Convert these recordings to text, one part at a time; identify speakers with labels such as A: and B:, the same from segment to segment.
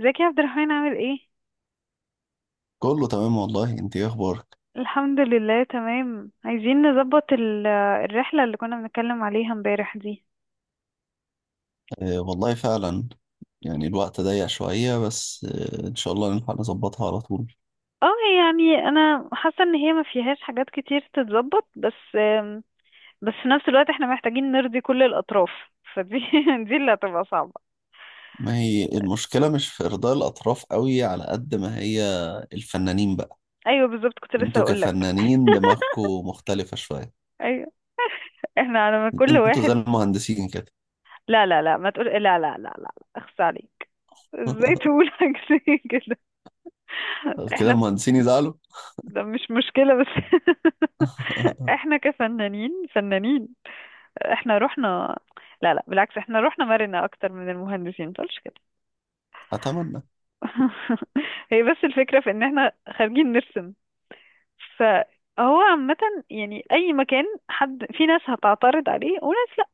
A: ازيك يا عبد الرحمن؟ عامل ايه؟
B: كله تمام والله. انت ايه اخبارك؟
A: الحمد لله، تمام. عايزين نظبط الرحلة اللي كنا بنتكلم عليها امبارح دي.
B: آه والله فعلا. يعني الوقت ضيق شوية بس آه ان شاء الله نلحق نظبطها على طول.
A: اه، يعني انا حاسة ان هي ما فيهاش حاجات كتير تتظبط بس، بس في نفس الوقت احنا محتاجين نرضي كل الاطراف. فدي دي اللي هتبقى صعبة.
B: ما هي المشكلة مش في ارضاء الاطراف قوي على قد ما هي الفنانين بقى.
A: ايوه، بالظبط، كنت لسه
B: انتوا
A: هقول لك.
B: كفنانين دماغكوا مختلفة شوية.
A: ايوه. احنا على ما كل
B: انتوا زي
A: واحد.
B: المهندسين كده.
A: لا لا لا، ما تقول لا لا لا لا، لا. اخس عليك! ازاي تقول حاجة زي كده؟
B: كده
A: احنا.
B: المهندسين يزعلوا.
A: ده مش مشكلة بس. احنا كفنانين فنانين. احنا رحنا. لا لا، بالعكس، احنا رحنا مرنا اكتر من المهندسين، متقولش كده.
B: اتمنى.
A: هي بس الفكرة في ان احنا خارجين نرسم. فهو عامة، يعني اي مكان حد، في ناس هتعترض عليه وناس لا.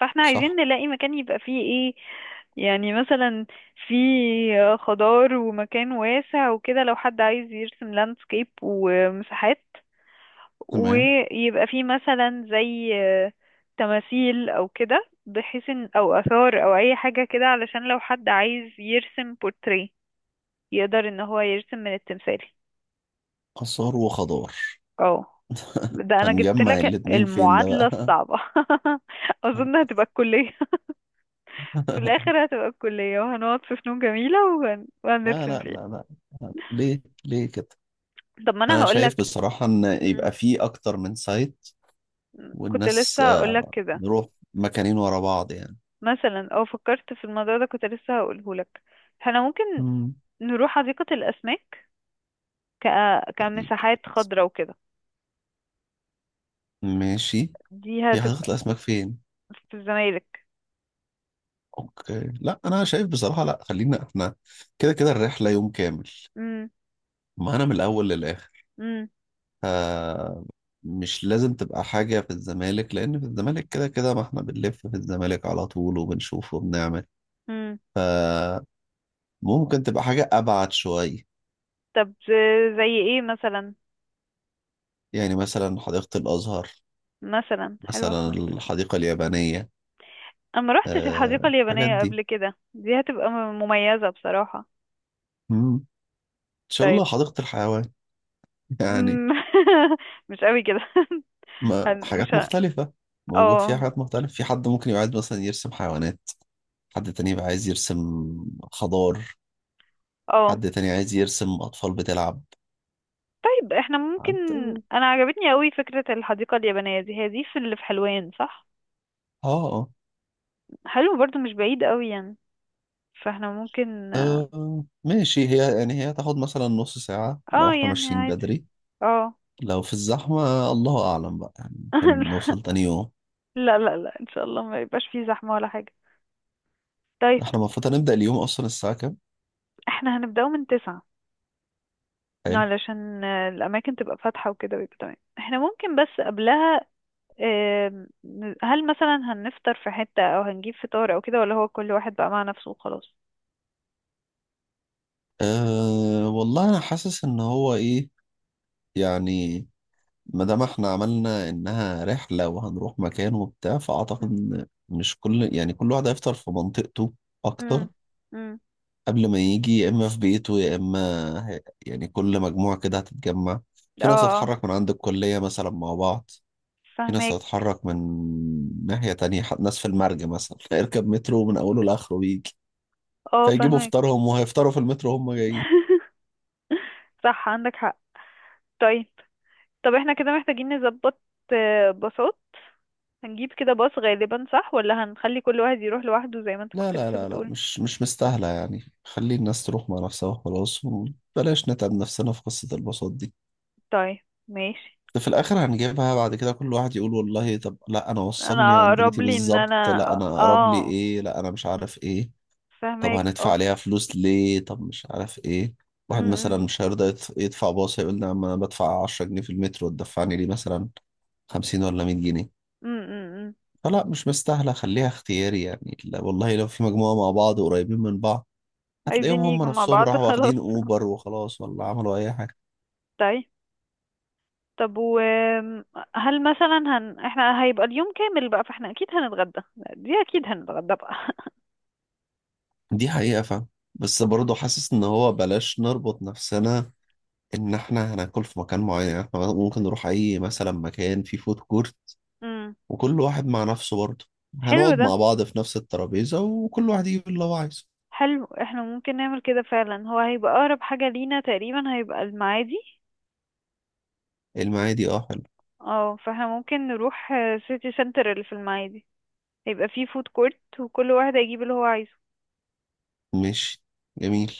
A: فاحنا عايزين
B: صح.
A: نلاقي مكان يبقى فيه ايه. يعني مثلا، في خضار ومكان واسع وكده، لو حد عايز يرسم لاندسكيب ومساحات،
B: تمام.
A: ويبقى فيه مثلا زي تماثيل او كده، بحيث ان او اثار او اي حاجة كده، علشان لو حد عايز يرسم بورتريه يقدر ان هو يرسم من التمثال.
B: آثار وخضار.
A: اه، ده انا جبت
B: هنجمع
A: لك
B: الاتنين فين ده
A: المعادلة
B: بقى؟
A: الصعبة. اظن هتبقى الكلية. في الاخر هتبقى الكلية وهنقعد في فنون جميلة
B: لا
A: وهنرسم
B: لا
A: فيها.
B: لا لا، ليه ليه كده؟
A: طب ما انا
B: انا شايف
A: هقولك.
B: بصراحة ان
A: مم.
B: يبقى في اكتر من سايت،
A: كنت
B: والناس
A: لسه هقولك كده.
B: نروح مكانين ورا بعض يعني.
A: مثلا او فكرت في الموضوع ده، كنت لسه هقوله لك. احنا ممكن
B: مم.
A: نروح حديقة الأسماك. ك...
B: حديقة
A: كمساحات
B: الأسماك.
A: خضراء وكده.
B: ماشي،
A: دي
B: هي حديقة
A: هتبقى.
B: الاسماك فين؟
A: في الزمالك.
B: اوكي، لا انا شايف بصراحة، لا خلينا احنا كده كده الرحلة يوم كامل.
A: مم.
B: ما انا من الاول للاخر.
A: مم.
B: آه، مش لازم تبقى حاجة في الزمالك، لان في الزمالك كده كده ما احنا بنلف في الزمالك على طول وبنشوف وبنعمل.
A: مم.
B: فممكن تبقى حاجة ابعد شوية.
A: طب، زي ايه مثلا؟
B: يعني مثلا حديقة الازهر،
A: مثلا حلوة
B: مثلا
A: حديقة الأسماك.
B: الحديقة اليابانية.
A: أنا ما روحتش الحديقة
B: الحاجات
A: اليابانية
B: دي.
A: قبل كده، دي هتبقى مميزة بصراحة.
B: مم. ان شاء
A: طيب.
B: الله حديقة الحيوان. يعني
A: مم. مش قوي كده.
B: ما
A: أنا مش
B: حاجات
A: ه-
B: مختلفة موجود فيها،
A: اه،
B: حاجات مختلفة. في حد ممكن يبقى عايز مثلا يرسم حيوانات، حد تاني يبقى عايز يرسم خضار،
A: اه.
B: حد تاني عايز يرسم أطفال بتلعب،
A: طيب احنا ممكن.
B: حد.
A: انا عجبتني قوي فكرة الحديقة اليابانية دي. هي دي في اللي في حلوان، صح؟
B: اه.
A: حلو برضو، مش بعيد قوي يعني. فاحنا ممكن.
B: ماشي، هي يعني هي تاخد مثلا نص ساعة لو
A: اه،
B: احنا
A: يعني
B: ماشيين
A: عادي.
B: بدري.
A: اه.
B: لو في الزحمة الله أعلم بقى، يعني ممكن نوصل تاني يوم.
A: لا لا لا، ان شاء الله ما يبقاش فيه زحمة ولا حاجة. طيب.
B: احنا المفروض هنبدأ اليوم أصلا الساعة كام؟
A: احنا هنبدأه من 9،
B: حلو.
A: علشان الأماكن تبقى فاتحة وكده ويبقى تمام. احنا ممكن بس قبلها، آم، هل مثلا هنفطر في حتة أو هنجيب فطار أو كده، ولا هو كل واحد بقى مع نفسه وخلاص؟
B: أه والله أنا حاسس إن هو إيه، يعني ما دام إحنا عملنا إنها رحلة وهنروح مكان وبتاع، فأعتقد
A: مم.
B: إن مش كل يعني كل واحد هيفطر في منطقته أكتر،
A: مم. مم.
B: قبل ما يجي يا إما في بيته يا إما هي- يعني كل مجموعة كده هتتجمع. في ناس
A: اه، اه،
B: هتتحرك من عند الكلية مثلا مع بعض، في ناس
A: فهماك.
B: هتتحرك من ناحية تانية، ناس في المرج مثلا هيركب مترو من أوله لآخره ويجي،
A: اه،
B: فيجيبوا
A: فهماك.
B: فطارهم وهيفطروا في المترو هم جايين.
A: صح، عندك حق. طيب. طب احنا كده محتاجين نظبط باصات. هنجيب كده باص غالبا، صح؟ ولا هنخلي كل واحد يروح لوحده زي ما انت
B: لا
A: كنت
B: لا
A: لسه
B: لا لا،
A: بتقول؟
B: مش مستاهلة يعني. خلي الناس تروح مع نفسها وخلاص، وبلاش نتعب نفسنا في قصة الباصات دي.
A: طيب، ماشي.
B: ده في الآخر هنجيبها بعد كده كل واحد يقول والله، طب لا أنا وصلني
A: انا
B: عند
A: اقرب
B: بيتي
A: لي ان
B: بالظبط،
A: انا،
B: لا أنا أقرب لي
A: اه،
B: إيه، لا أنا مش عارف إيه، طب
A: فاهمك،
B: هندفع
A: اه.
B: عليها فلوس ليه، طب مش عارف إيه.
A: م-
B: واحد مثلا
A: م-
B: مش هيرضى يدفع باص، هيقول لي أما أنا بدفع 10 جنيه في المترو تدفعني لي مثلا 50 ولا 100 جنيه.
A: م- م- م.
B: فلا مش مستاهلة، خليها اختياري يعني. لا والله لو في مجموعة مع بعض قريبين من بعض، هتلاقيهم
A: عايزين يجوا
B: هم
A: مع
B: نفسهم
A: بعض.
B: راحوا
A: خلاص.
B: واخدين اوبر وخلاص، ولا عملوا اي حاجه.
A: طيب. طب و، هل مثلا احنا هيبقى اليوم كامل بقى، فاحنا اكيد هنتغدى. دي اكيد هنتغدى بقى.
B: دي حقيقه، فاهم. بس برضه حاسس ان هو بلاش نربط نفسنا ان احنا هناكل في مكان معين. يعني احنا ممكن نروح اي مثلا مكان فيه فود كورت،
A: امم
B: وكل واحد مع نفسه برضه.
A: حلو
B: هنقعد
A: ده.
B: مع بعض في نفس الترابيزه وكل واحد يجيب اللي هو عايزه.
A: حلو، احنا ممكن نعمل كده فعلا. هو هيبقى اقرب حاجة لينا تقريبا هيبقى المعادي.
B: المعادي، اه حلو.
A: اه، فاحنا ممكن نروح سيتي سنتر اللي في المعادي. هيبقى فيه فود كورت وكل واحد هيجيب اللي هو عايزه.
B: ماشي. جميل.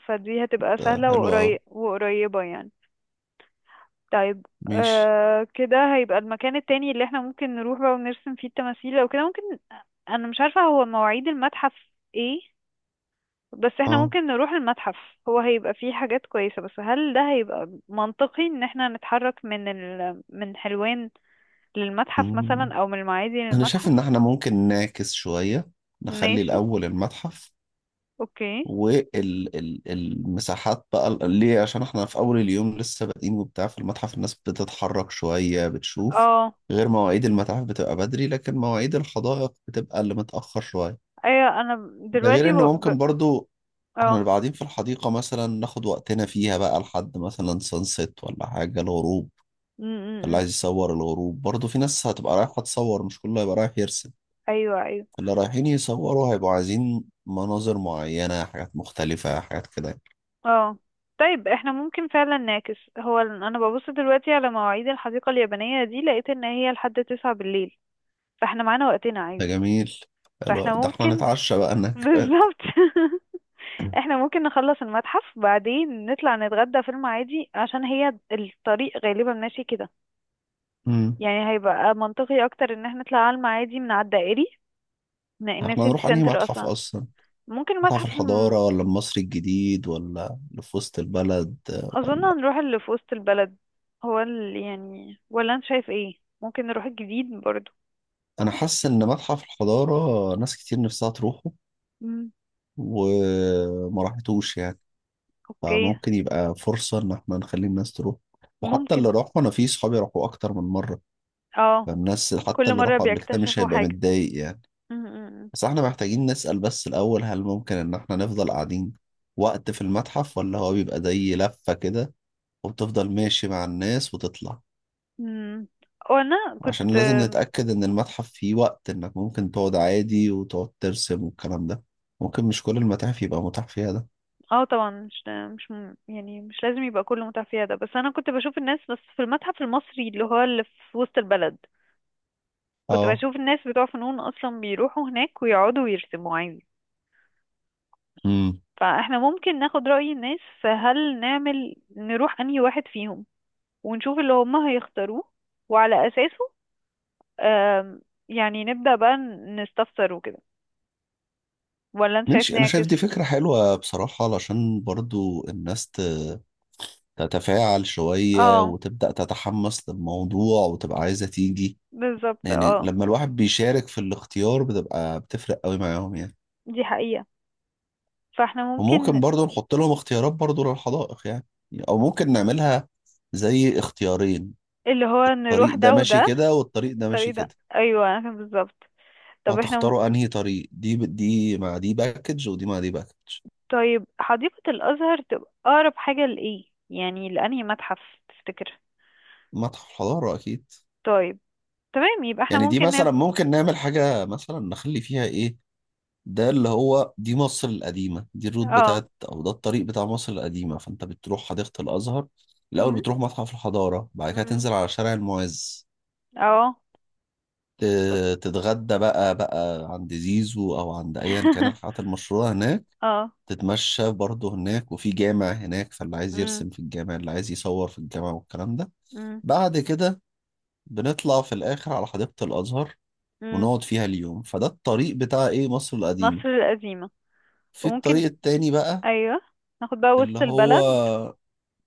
A: فدي هتبقى
B: ده
A: سهلة
B: حلو اه.
A: وقريبة يعني. طيب،
B: ماشي.
A: كده هيبقى المكان التاني اللي احنا ممكن نروح بقى ونرسم فيه التماثيل او كده، ممكن. انا مش عارفة هو مواعيد المتحف ايه، بس احنا
B: اه.
A: ممكن نروح المتحف. هو هيبقى فيه حاجات كويسة، بس هل ده هيبقى منطقي ان احنا نتحرك من حلوان للمتحف
B: مم.
A: مثلا، او من المعادي
B: انا شايف ان
A: للمتحف؟
B: احنا ممكن نعكس شويه، نخلي
A: ماشي،
B: الاول المتحف
A: اوكي،
B: والمساحات بقى. ليه؟ عشان احنا في اول اليوم لسه بادئين وبتاع، في المتحف الناس بتتحرك شوية بتشوف،
A: اه.
B: غير مواعيد المتاحف بتبقى بدري، لكن مواعيد الحدائق بتبقى اللي متأخر شوية.
A: ايوه، انا
B: ده غير
A: دلوقتي
B: ان ممكن برضو احنا
A: اه.
B: نبقى قاعدين في الحديقة مثلا ناخد وقتنا فيها بقى لحد مثلا سانسيت ولا حاجة، الغروب.
A: م-
B: اللي
A: م- م.
B: عايز يصور الغروب، برضو في ناس هتبقى رايحة تصور، مش كله هيبقى رايح يرسم.
A: ايوه، ايوه،
B: اللي رايحين يصوروا هيبقوا عايزين مناظر معينة، حاجات مختلفة، حاجات كده.
A: اه. طيب احنا ممكن فعلا نعكس. هو انا ببص دلوقتي على مواعيد الحديقة اليابانية دي، لقيت ان هي لحد 9 بالليل. فاحنا معانا وقتنا
B: ده
A: عادي.
B: جميل. حلو
A: فاحنا
B: ده، احنا
A: ممكن.
B: نتعشى بقى انك.
A: بالظبط. احنا ممكن نخلص المتحف بعدين نطلع نتغدى في المعادي، عشان هي الطريق غالبا ماشي كده.
B: امم.
A: يعني هيبقى منطقي اكتر ان احنا نطلع على المعادي من على الدائري، من
B: احنا
A: السيتي
B: نروح انهي
A: سنتر
B: متحف
A: اصلا.
B: اصلا؟
A: ممكن
B: متحف
A: المتحف.
B: الحضارة ولا المصري الجديد ولا اللي في وسط البلد؟
A: اظن
B: ولا.
A: هنروح اللي في وسط البلد. هو اللي يعني، ولا انت شايف ايه؟ ممكن نروح الجديد برضو.
B: انا حاسس ان متحف الحضارة ناس كتير نفسها تروحه
A: امم
B: وما راحتوش يعني،
A: اوكي.
B: فممكن يبقى فرصة ان احنا نخلي الناس تروح. وحتى
A: ممكن.
B: اللي راحوا، انا في صحابي راحوا اكتر من مرة،
A: اه.
B: فالناس حتى
A: كل
B: اللي
A: مرة
B: راحوا قبل كده مش
A: بيكتشفوا
B: هيبقى
A: حاجة.
B: متضايق يعني.
A: امم
B: بس احنا محتاجين نسأل بس الأول، هل ممكن إن احنا نفضل قاعدين وقت في المتحف، ولا هو بيبقى زي لفة كده وبتفضل ماشي مع الناس وتطلع؟
A: امم وانا
B: عشان
A: كنت.
B: لازم نتأكد إن المتحف فيه وقت إنك ممكن تقعد عادي وتقعد ترسم والكلام ده، ممكن مش كل المتاحف يبقى متاح فيها ده.
A: اه، طبعا مش مش م- يعني مش لازم يبقى كله متعفية ده. بس انا كنت بشوف الناس، بس في المتحف المصري اللي هو اللي في وسط البلد كنت
B: اه.
A: بشوف الناس بتوع فنون اصلا بيروحوا هناك ويقعدوا ويرسموا عادي.
B: امم.
A: فاحنا ممكن ناخد رأي الناس، فهل نعمل نروح انهي واحد فيهم ونشوف اللي هم هيختاروه، وعلى أساسه، آم، يعني نبدأ بقى نستفسر وكده، ولا انت شايف
B: ماشي، أنا شايف
A: نعكس؟
B: دي فكرة حلوة بصراحة، علشان برضو الناس تتفاعل شوية
A: اه،
B: وتبدأ تتحمس للموضوع وتبقى عايزة تيجي.
A: بالظبط.
B: يعني
A: اه،
B: لما الواحد بيشارك في الاختيار، بتبقى بتفرق قوي معاهم يعني.
A: دي حقيقة. فاحنا
B: وممكن
A: ممكن
B: برضو نحط لهم اختيارات برضو للحدائق يعني، او ممكن نعملها زي اختيارين.
A: اللي هو
B: طريق
A: نروح
B: ده
A: ده
B: ماشي
A: وده.
B: كده، والطريق ده ماشي
A: الطريق ده،
B: كده.
A: ايوه، أنا فاهم بالظبط. طب احنا
B: هتختاروا انهي طريق؟ دي دي مع دي باكج، ودي مع دي باكج.
A: طيب حديقة الأزهر تبقى أقرب حاجة لإيه يعني، لأنهي متحف تفتكر؟
B: متحف الحضارة اكيد.
A: طيب، تمام، يبقى احنا
B: يعني دي
A: ممكن نعمل.
B: مثلا ممكن نعمل حاجة مثلا نخلي فيها ايه، ده اللي هو دي مصر القديمة، دي الروت
A: اه.
B: بتاعت، أو ده الطريق بتاع مصر القديمة. فأنت بتروح حديقة الأزهر الأول،
A: مم،
B: بتروح متحف الحضارة، بعد كده
A: مم،
B: تنزل على شارع المعز،
A: اه.
B: تتغدى بقى عند زيزو أو عند أيا كان الحاجات المشهورة هناك،
A: اه.
B: تتمشى برضه هناك، وفي جامع هناك فاللي عايز
A: مم،
B: يرسم في الجامع، اللي عايز يصور في الجامع والكلام ده.
A: مم،
B: بعد كده بنطلع في الآخر على حديقة الأزهر
A: مم.
B: ونقعد فيها اليوم. فده الطريق بتاع إيه؟ مصر القديمة.
A: مصر القديمة.
B: في
A: وممكن،
B: الطريق التاني بقى
A: ايوه، ناخد بقى
B: اللي
A: وسط
B: هو
A: البلد.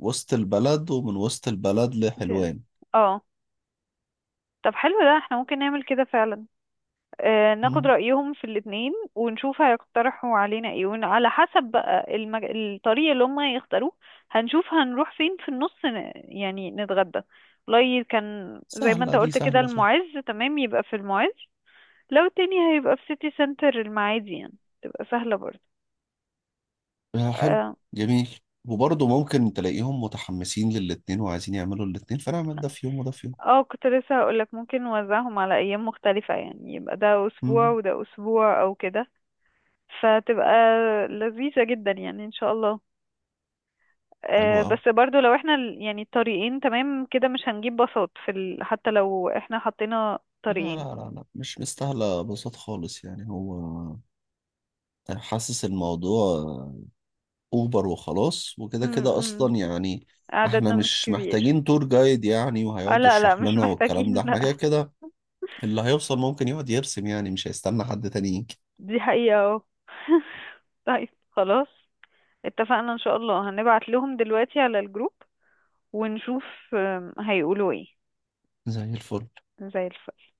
B: وسط البلد، ومن وسط البلد
A: في...
B: لحلوان.
A: اه. طب حلو ده، احنا ممكن نعمل كده فعلا. ناخد
B: مم.
A: رأيهم في الاتنين ونشوف هيقترحوا علينا ايه، وعلى حسب بقى الطريق اللي هم هيختاروه. هنشوف هنروح فين في النص، يعني نتغدى. والله كان زي ما
B: سهلة
A: انت
B: دي،
A: قلت كده،
B: سهلة سهلة.
A: المعز تمام، يبقى في المعز. لو التاني هيبقى في سيتي سنتر المعادي، يعني تبقى سهلة برضه.
B: حلو.
A: آه.
B: جميل. وبرضه ممكن تلاقيهم متحمسين للاتنين وعايزين يعملوا الاتنين، فنعمل ده في يوم وده في يوم.
A: اه، كنت لسه هقولك ممكن نوزعهم على ايام مختلفة، يعني يبقى ده اسبوع
B: مم.
A: وده اسبوع او كده، فتبقى لذيذة جدا يعني ان شاء الله.
B: حلو أوي.
A: بس برضو، لو احنا يعني الطريقين تمام كده، مش هنجيب باصات في حتى لو احنا حطينا
B: لا
A: طريقين.
B: لا لا لا، مش مستاهلة بساط خالص يعني. هو حاسس الموضوع أوبر وخلاص، وكده كده
A: امم
B: أصلا يعني. احنا
A: عددنا مش
B: مش
A: كبير.
B: محتاجين تور جايد يعني وهيقعد
A: لا لا،
B: يشرح
A: مش
B: لنا والكلام ده،
A: محتاجين،
B: احنا كده
A: لا.
B: كده اللي هيوصل ممكن يقعد يرسم يعني، مش هيستنى حد تاني يجي.
A: دي حقيقة. اه. طيب، خلاص. اتفقنا. ان شاء الله هنبعت لهم دلوقتي على الجروب ونشوف هيقولوا ايه.
B: زي الفل.
A: زي الفل.